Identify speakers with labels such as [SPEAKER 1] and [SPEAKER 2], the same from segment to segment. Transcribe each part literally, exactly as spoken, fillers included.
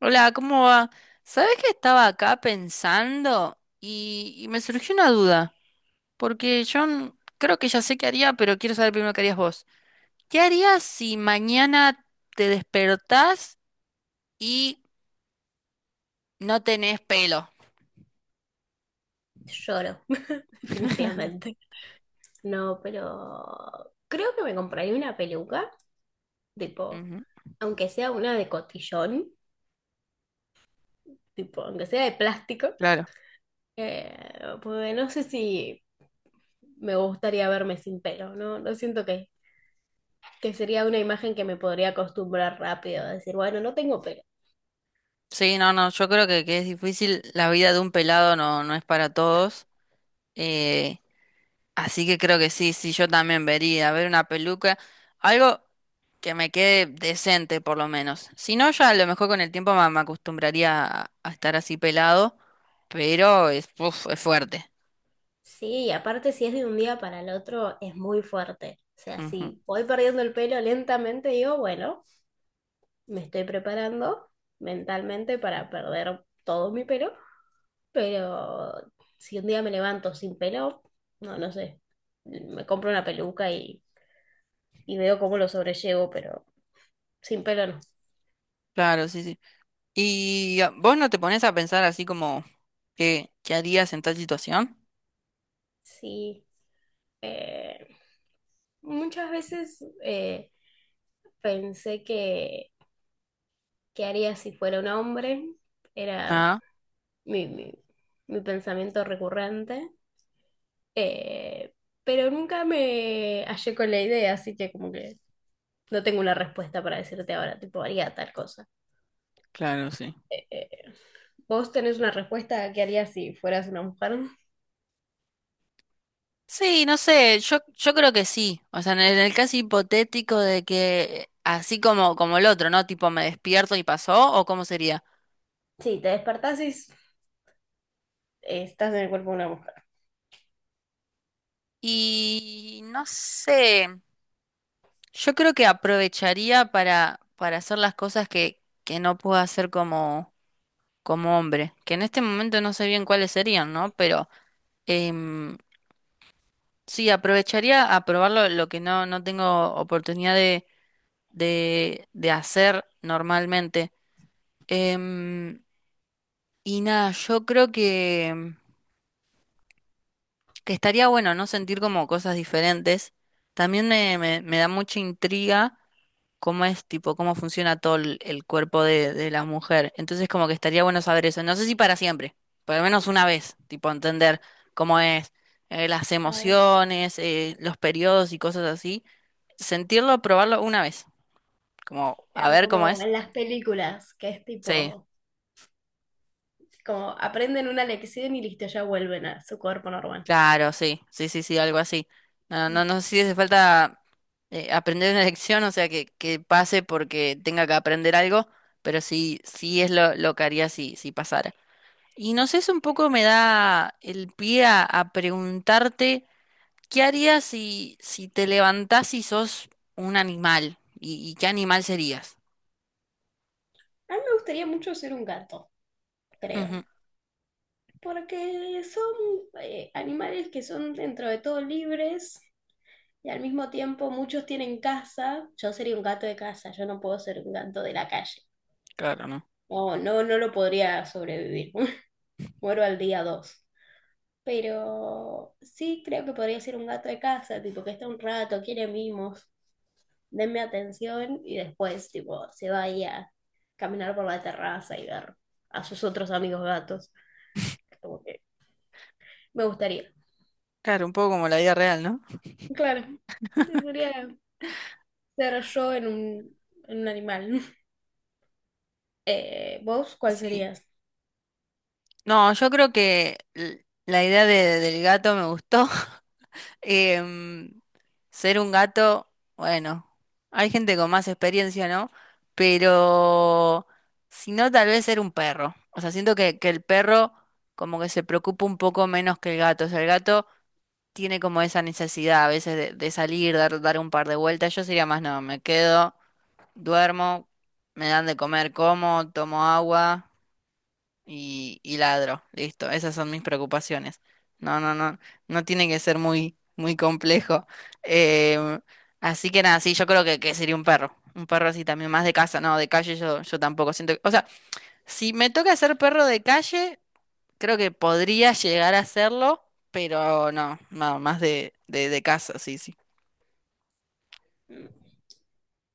[SPEAKER 1] Hola, ¿cómo va? ¿Sabés que estaba acá pensando y, y me surgió una duda? Porque yo n- creo que ya sé qué haría, pero quiero saber primero qué harías vos. ¿Qué harías si mañana te despertás y no tenés pelo?
[SPEAKER 2] Lloro, definitivamente. No, pero creo que me compraría una peluca, tipo,
[SPEAKER 1] Ujú,
[SPEAKER 2] aunque sea una de cotillón, tipo, aunque sea de plástico,
[SPEAKER 1] claro.
[SPEAKER 2] eh, porque no sé si me gustaría verme sin pelo, ¿no? No siento que, que sería una imagen que me podría acostumbrar rápido, a decir, bueno, no tengo pelo.
[SPEAKER 1] Sí, no, no, yo creo que, que es difícil. La vida de un pelado no, no es para todos. Eh, Así que creo que sí, sí, yo también vería. Ver una peluca. Algo que me quede decente por lo menos. Si no, ya a lo mejor con el tiempo me, me acostumbraría a, a estar así pelado, pero es, uf, es fuerte.
[SPEAKER 2] Sí, y aparte si es de un día para el otro, es muy fuerte. O sea,
[SPEAKER 1] Ujú.
[SPEAKER 2] si voy perdiendo el pelo lentamente, digo, bueno. Me estoy preparando mentalmente para perder todo mi pelo, pero si un día me levanto sin pelo, no, no sé, me compro una peluca y, y veo cómo lo sobrellevo, pero sin pelo no.
[SPEAKER 1] Claro, sí, sí. ¿Y ah, vos no te pones a pensar así como qué, qué harías en tal situación?
[SPEAKER 2] Sí, eh, muchas veces eh, pensé que, que haría si fuera un hombre, era
[SPEAKER 1] Ah,
[SPEAKER 2] mi, mi, mi pensamiento recurrente, eh, pero nunca me hallé con la idea, así que como que no tengo una respuesta para decirte ahora, tipo, haría tal cosa.
[SPEAKER 1] claro, sí.
[SPEAKER 2] Eh, ¿Vos tenés una respuesta a qué harías si fueras una mujer?
[SPEAKER 1] Sí, no sé, yo, yo creo que sí. O sea, en el, en el caso hipotético de que así como, como el otro, ¿no? Tipo, me despierto y pasó, ¿o cómo sería?
[SPEAKER 2] Sí, te despertás y s- estás en el cuerpo de una mujer.
[SPEAKER 1] Y no sé. Yo creo que aprovecharía para, para hacer las cosas que, que no puedo hacer como, como hombre, que en este momento no sé bien cuáles serían, ¿no? Pero em, sí, aprovecharía a probar lo, lo que no, no tengo oportunidad de, de, de hacer normalmente. Em, y nada, yo creo que que estaría bueno, ¿no? Sentir como cosas diferentes. También me, me, me da mucha intriga cómo es, tipo, cómo funciona todo el, el cuerpo de, de la mujer. Entonces, como que estaría bueno saber eso. No sé si para siempre, por lo menos una vez, tipo, entender cómo es, eh, las
[SPEAKER 2] Claro,
[SPEAKER 1] emociones, eh, los periodos y cosas así. Sentirlo, probarlo una vez, como a
[SPEAKER 2] claro,
[SPEAKER 1] ver cómo
[SPEAKER 2] como
[SPEAKER 1] es.
[SPEAKER 2] en las películas, que es
[SPEAKER 1] Sí.
[SPEAKER 2] tipo, como aprenden una lección y listo, ya vuelven a su cuerpo normal.
[SPEAKER 1] Claro, sí, sí, sí, sí, algo así. No, no, no sé si hace falta eh, aprender una lección, o sea, que, que pase porque tenga que aprender algo, pero sí, sí es lo, lo que haría si, si pasara. Y no sé, eso un poco me da el pie a, a preguntarte, ¿qué harías si, si te levantás y sos un animal? ¿Y, y qué animal serías?
[SPEAKER 2] A mí me gustaría mucho ser un gato, creo,
[SPEAKER 1] Ujú.
[SPEAKER 2] porque son eh, animales que son dentro de todo libres y al mismo tiempo muchos tienen casa. Yo sería un gato de casa, yo no puedo ser un gato de la calle.
[SPEAKER 1] Claro, ¿no?
[SPEAKER 2] No, no, no lo podría sobrevivir. Muero al día dos. Pero sí creo que podría ser un gato de casa, tipo que está un rato, quiere mimos, denme atención y después, tipo, se vaya a caminar por la terraza y ver a sus otros amigos gatos. Como que me gustaría.
[SPEAKER 1] Claro, un poco como la vida real, ¿no?
[SPEAKER 2] Claro, debería ser yo en un, en un animal. Eh, ¿vos cuál
[SPEAKER 1] Sí.
[SPEAKER 2] serías?
[SPEAKER 1] No, yo creo que l- la idea de- del gato me gustó. Em, Ser un gato, bueno, hay gente con más experiencia, ¿no? Pero si no, tal vez ser un perro. O sea, siento que, que el perro como que se preocupa un poco menos que el gato. O sea, el gato tiene como esa necesidad a veces de, de salir, dar, dar un par de vueltas. Yo sería más, no, me quedo, duermo, me dan de comer, como, tomo agua y, y ladro. Listo, esas son mis preocupaciones. No, no, no, no tiene que ser muy, muy complejo. Em, Así que nada, sí, yo creo que, que sería un perro. Un perro así también, más de casa, no, de calle yo, yo tampoco siento que- O sea, si me toca ser perro de calle, creo que podría llegar a serlo, pero no, no, más de, de, de casa, sí, sí.
[SPEAKER 2] Mm,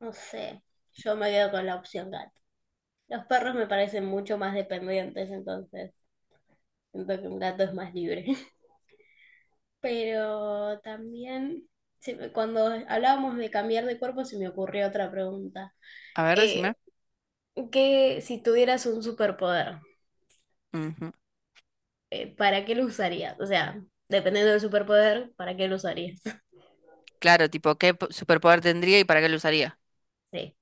[SPEAKER 2] no sé, yo me quedo con la opción gato. Los perros me parecen mucho más dependientes, entonces siento que un gato es más libre. Pero también, cuando hablábamos de cambiar de cuerpo, se me ocurrió otra pregunta.
[SPEAKER 1] A ver, decime.
[SPEAKER 2] Eh, ¿qué, si tuvieras un superpoder,
[SPEAKER 1] Ujú.
[SPEAKER 2] eh, para qué lo usarías? O sea, dependiendo del superpoder, ¿para qué lo usarías?
[SPEAKER 1] Claro, tipo, ¿qué po- superpoder tendría y para qué lo usaría?
[SPEAKER 2] Sí.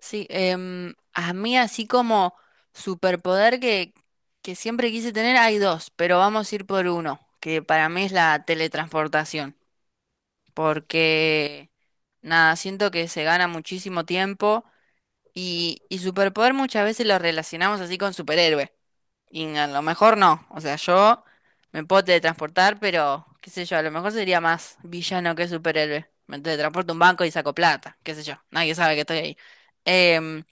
[SPEAKER 1] Sí, em, a mí así como superpoder que, que siempre quise tener, hay dos, pero vamos a ir por uno, que para mí es la teletransportación, porque nada, siento que se gana muchísimo tiempo y, y superpoder muchas veces lo relacionamos así con superhéroe. Y a lo mejor no. O sea, yo me puedo teletransportar, pero qué sé yo, a lo mejor sería más villano que superhéroe. Me teletransporto a un banco y saco plata, qué sé yo. Nadie sabe que estoy ahí. Em,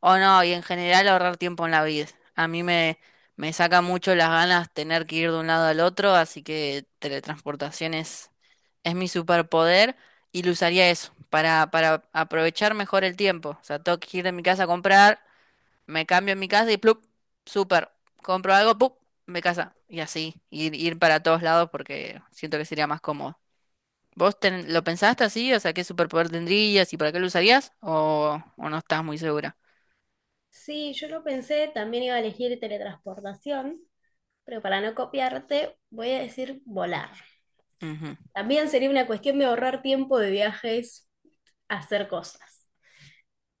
[SPEAKER 1] o no, y en general ahorrar tiempo en la vida. A mí me, me saca mucho las ganas tener que ir de un lado al otro, así que teletransportación es, es mi superpoder y lo usaría eso, para, para aprovechar mejor el tiempo. O sea, tengo que ir de mi casa a comprar me cambio en mi casa y plup, súper, compro algo, plup, me casa. Y así, ir, ir para todos lados porque siento que sería más cómodo. ¿Vos ten- lo pensaste así? O sea, ¿qué superpoder tendrías y para qué lo usarías? ¿O, o no estás muy segura?
[SPEAKER 2] Sí, yo lo pensé, también iba a elegir teletransportación, pero para no copiarte, voy a decir volar.
[SPEAKER 1] Ujú.
[SPEAKER 2] También sería una cuestión de ahorrar tiempo de viajes a hacer cosas,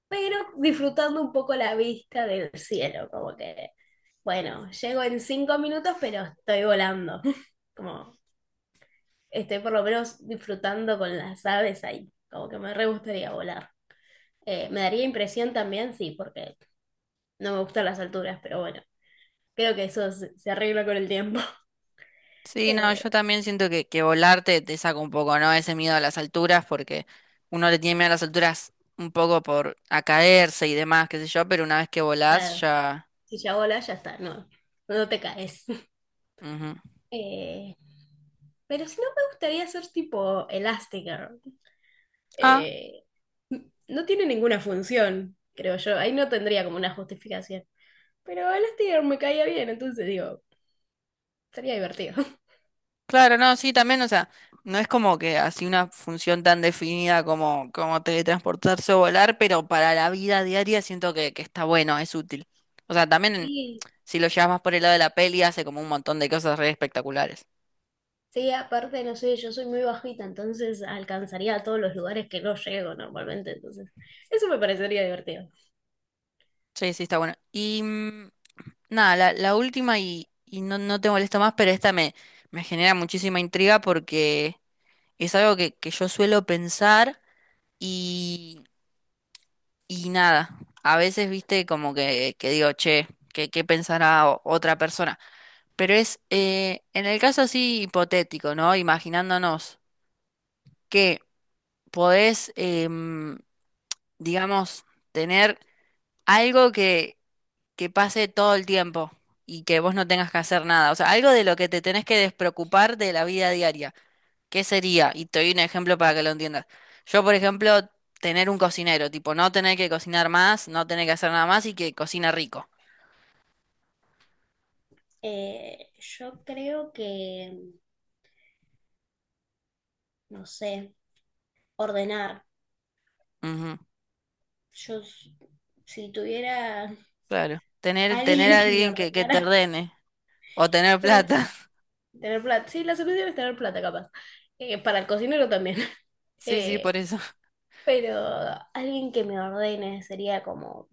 [SPEAKER 2] pero disfrutando un poco la vista del cielo, como que, bueno, llego en cinco minutos, pero estoy volando, como estoy por lo menos disfrutando con las aves ahí, como que me re gustaría volar. Eh, me daría impresión también, sí, porque no me gustan las alturas, pero bueno, creo que eso se, se arregla con el tiempo.
[SPEAKER 1] Sí, no,
[SPEAKER 2] Eh,
[SPEAKER 1] yo también siento que, que volar te, te saca un poco, ¿no? Ese miedo a las alturas, porque uno le tiene miedo a las alturas un poco por a caerse y demás, qué sé yo, pero una vez que volás
[SPEAKER 2] nada,
[SPEAKER 1] ya...
[SPEAKER 2] si ya volas, ya está, no, no te caes.
[SPEAKER 1] Ujú.
[SPEAKER 2] Eh, pero si no, me gustaría ser tipo Elastigirl, eh, no tiene ninguna función, creo yo. Ahí no tendría como una justificación. Pero Elastigirl me caía bien, entonces digo, sería divertido.
[SPEAKER 1] Claro, no, sí, también, o sea, no es como que así una función tan definida como, como teletransportarse o volar, pero para la vida diaria siento que, que está bueno, es útil. O sea, también
[SPEAKER 2] Sí,
[SPEAKER 1] si lo llevas más por el lado de la peli, hace como un montón de cosas re espectaculares.
[SPEAKER 2] sí, aparte, no sé, yo soy muy bajita, entonces alcanzaría a todos los lugares que no llego normalmente, entonces eso me parecería divertido.
[SPEAKER 1] Sí, sí, está bueno. Y mm, nada, la, la última, y, y no, no te molesto más, pero esta me, me genera muchísima intriga porque es algo que, que yo suelo pensar. Y y nada, a veces viste como que, que digo, che, ¿qué, qué pensará o- otra persona? Pero es, eh, en el caso así hipotético, ¿no? Imaginándonos que podés, em, digamos, tener algo que, que pase todo el tiempo y que vos no tengas que hacer nada. O sea, algo de lo que te tenés que despreocupar de la vida diaria. ¿Qué sería? Y te doy un ejemplo para que lo entiendas. Yo, por ejemplo, tener un cocinero, tipo, no tener que cocinar más, no tener que hacer nada más y que cocina rico.
[SPEAKER 2] Eh, yo creo que, no sé, ordenar.
[SPEAKER 1] Ujú,
[SPEAKER 2] Yo s- si tuviera
[SPEAKER 1] claro. Tener, tener
[SPEAKER 2] alguien
[SPEAKER 1] a
[SPEAKER 2] que me
[SPEAKER 1] alguien que, que te
[SPEAKER 2] ordenara,
[SPEAKER 1] ordene o tener
[SPEAKER 2] pero en
[SPEAKER 1] plata.
[SPEAKER 2] sí tener plata. Sí, la solución es tener plata, capaz. Eh, para el cocinero también.
[SPEAKER 1] Sí, sí, por
[SPEAKER 2] Eh,
[SPEAKER 1] eso.
[SPEAKER 2] pero alguien que me ordene sería como...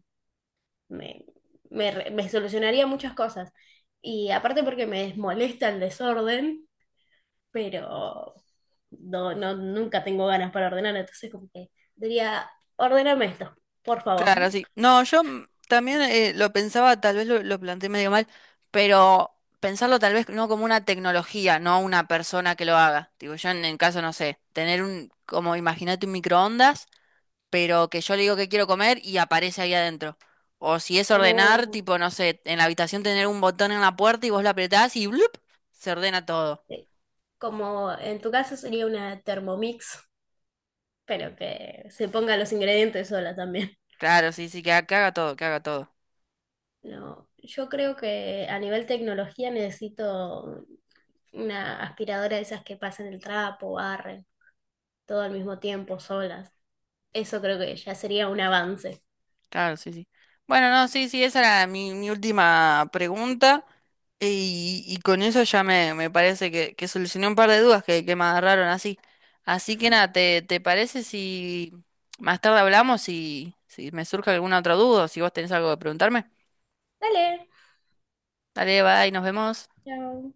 [SPEAKER 2] Me, me, re- me solucionaría muchas cosas. Y aparte porque me molesta el desorden, pero no, no nunca tengo ganas para ordenar, entonces como que diría, ordéname esto, por favor.
[SPEAKER 1] Claro, sí. No, yo mm, también eh, lo pensaba, tal vez lo, lo planteé medio mal, pero pensarlo tal vez no como una tecnología, no una persona que lo haga. Digo, yo en el caso, no sé, tener un, como imagínate un microondas, pero que yo le digo que quiero comer y aparece ahí adentro. O si es
[SPEAKER 2] Como,
[SPEAKER 1] ordenar, tipo, no sé, en la habitación tener un botón en la puerta y vos lo apretás y ¡blup! Se ordena todo.
[SPEAKER 2] eh, como en tu caso sería una Thermomix, pero que se ponga los ingredientes sola también.
[SPEAKER 1] Claro, sí, sí, que, ha- que haga todo, que haga todo.
[SPEAKER 2] No, yo creo que a nivel tecnología necesito una aspiradora de esas que pasan el trapo, barren, todo al mismo tiempo, solas. Eso creo que ya sería un avance.
[SPEAKER 1] Claro, sí, sí. Bueno, no, sí, sí, esa era mi, mi última pregunta. Y, y con eso ya me, me parece que, que solucioné un par de dudas que, que me agarraron así. Así que nada, ¿te, te parece si más tarde hablamos y si me surge alguna otra duda o si vos tenés algo que preguntarme?
[SPEAKER 2] Dale.
[SPEAKER 1] Dale, bye, nos vemos.
[SPEAKER 2] Chao.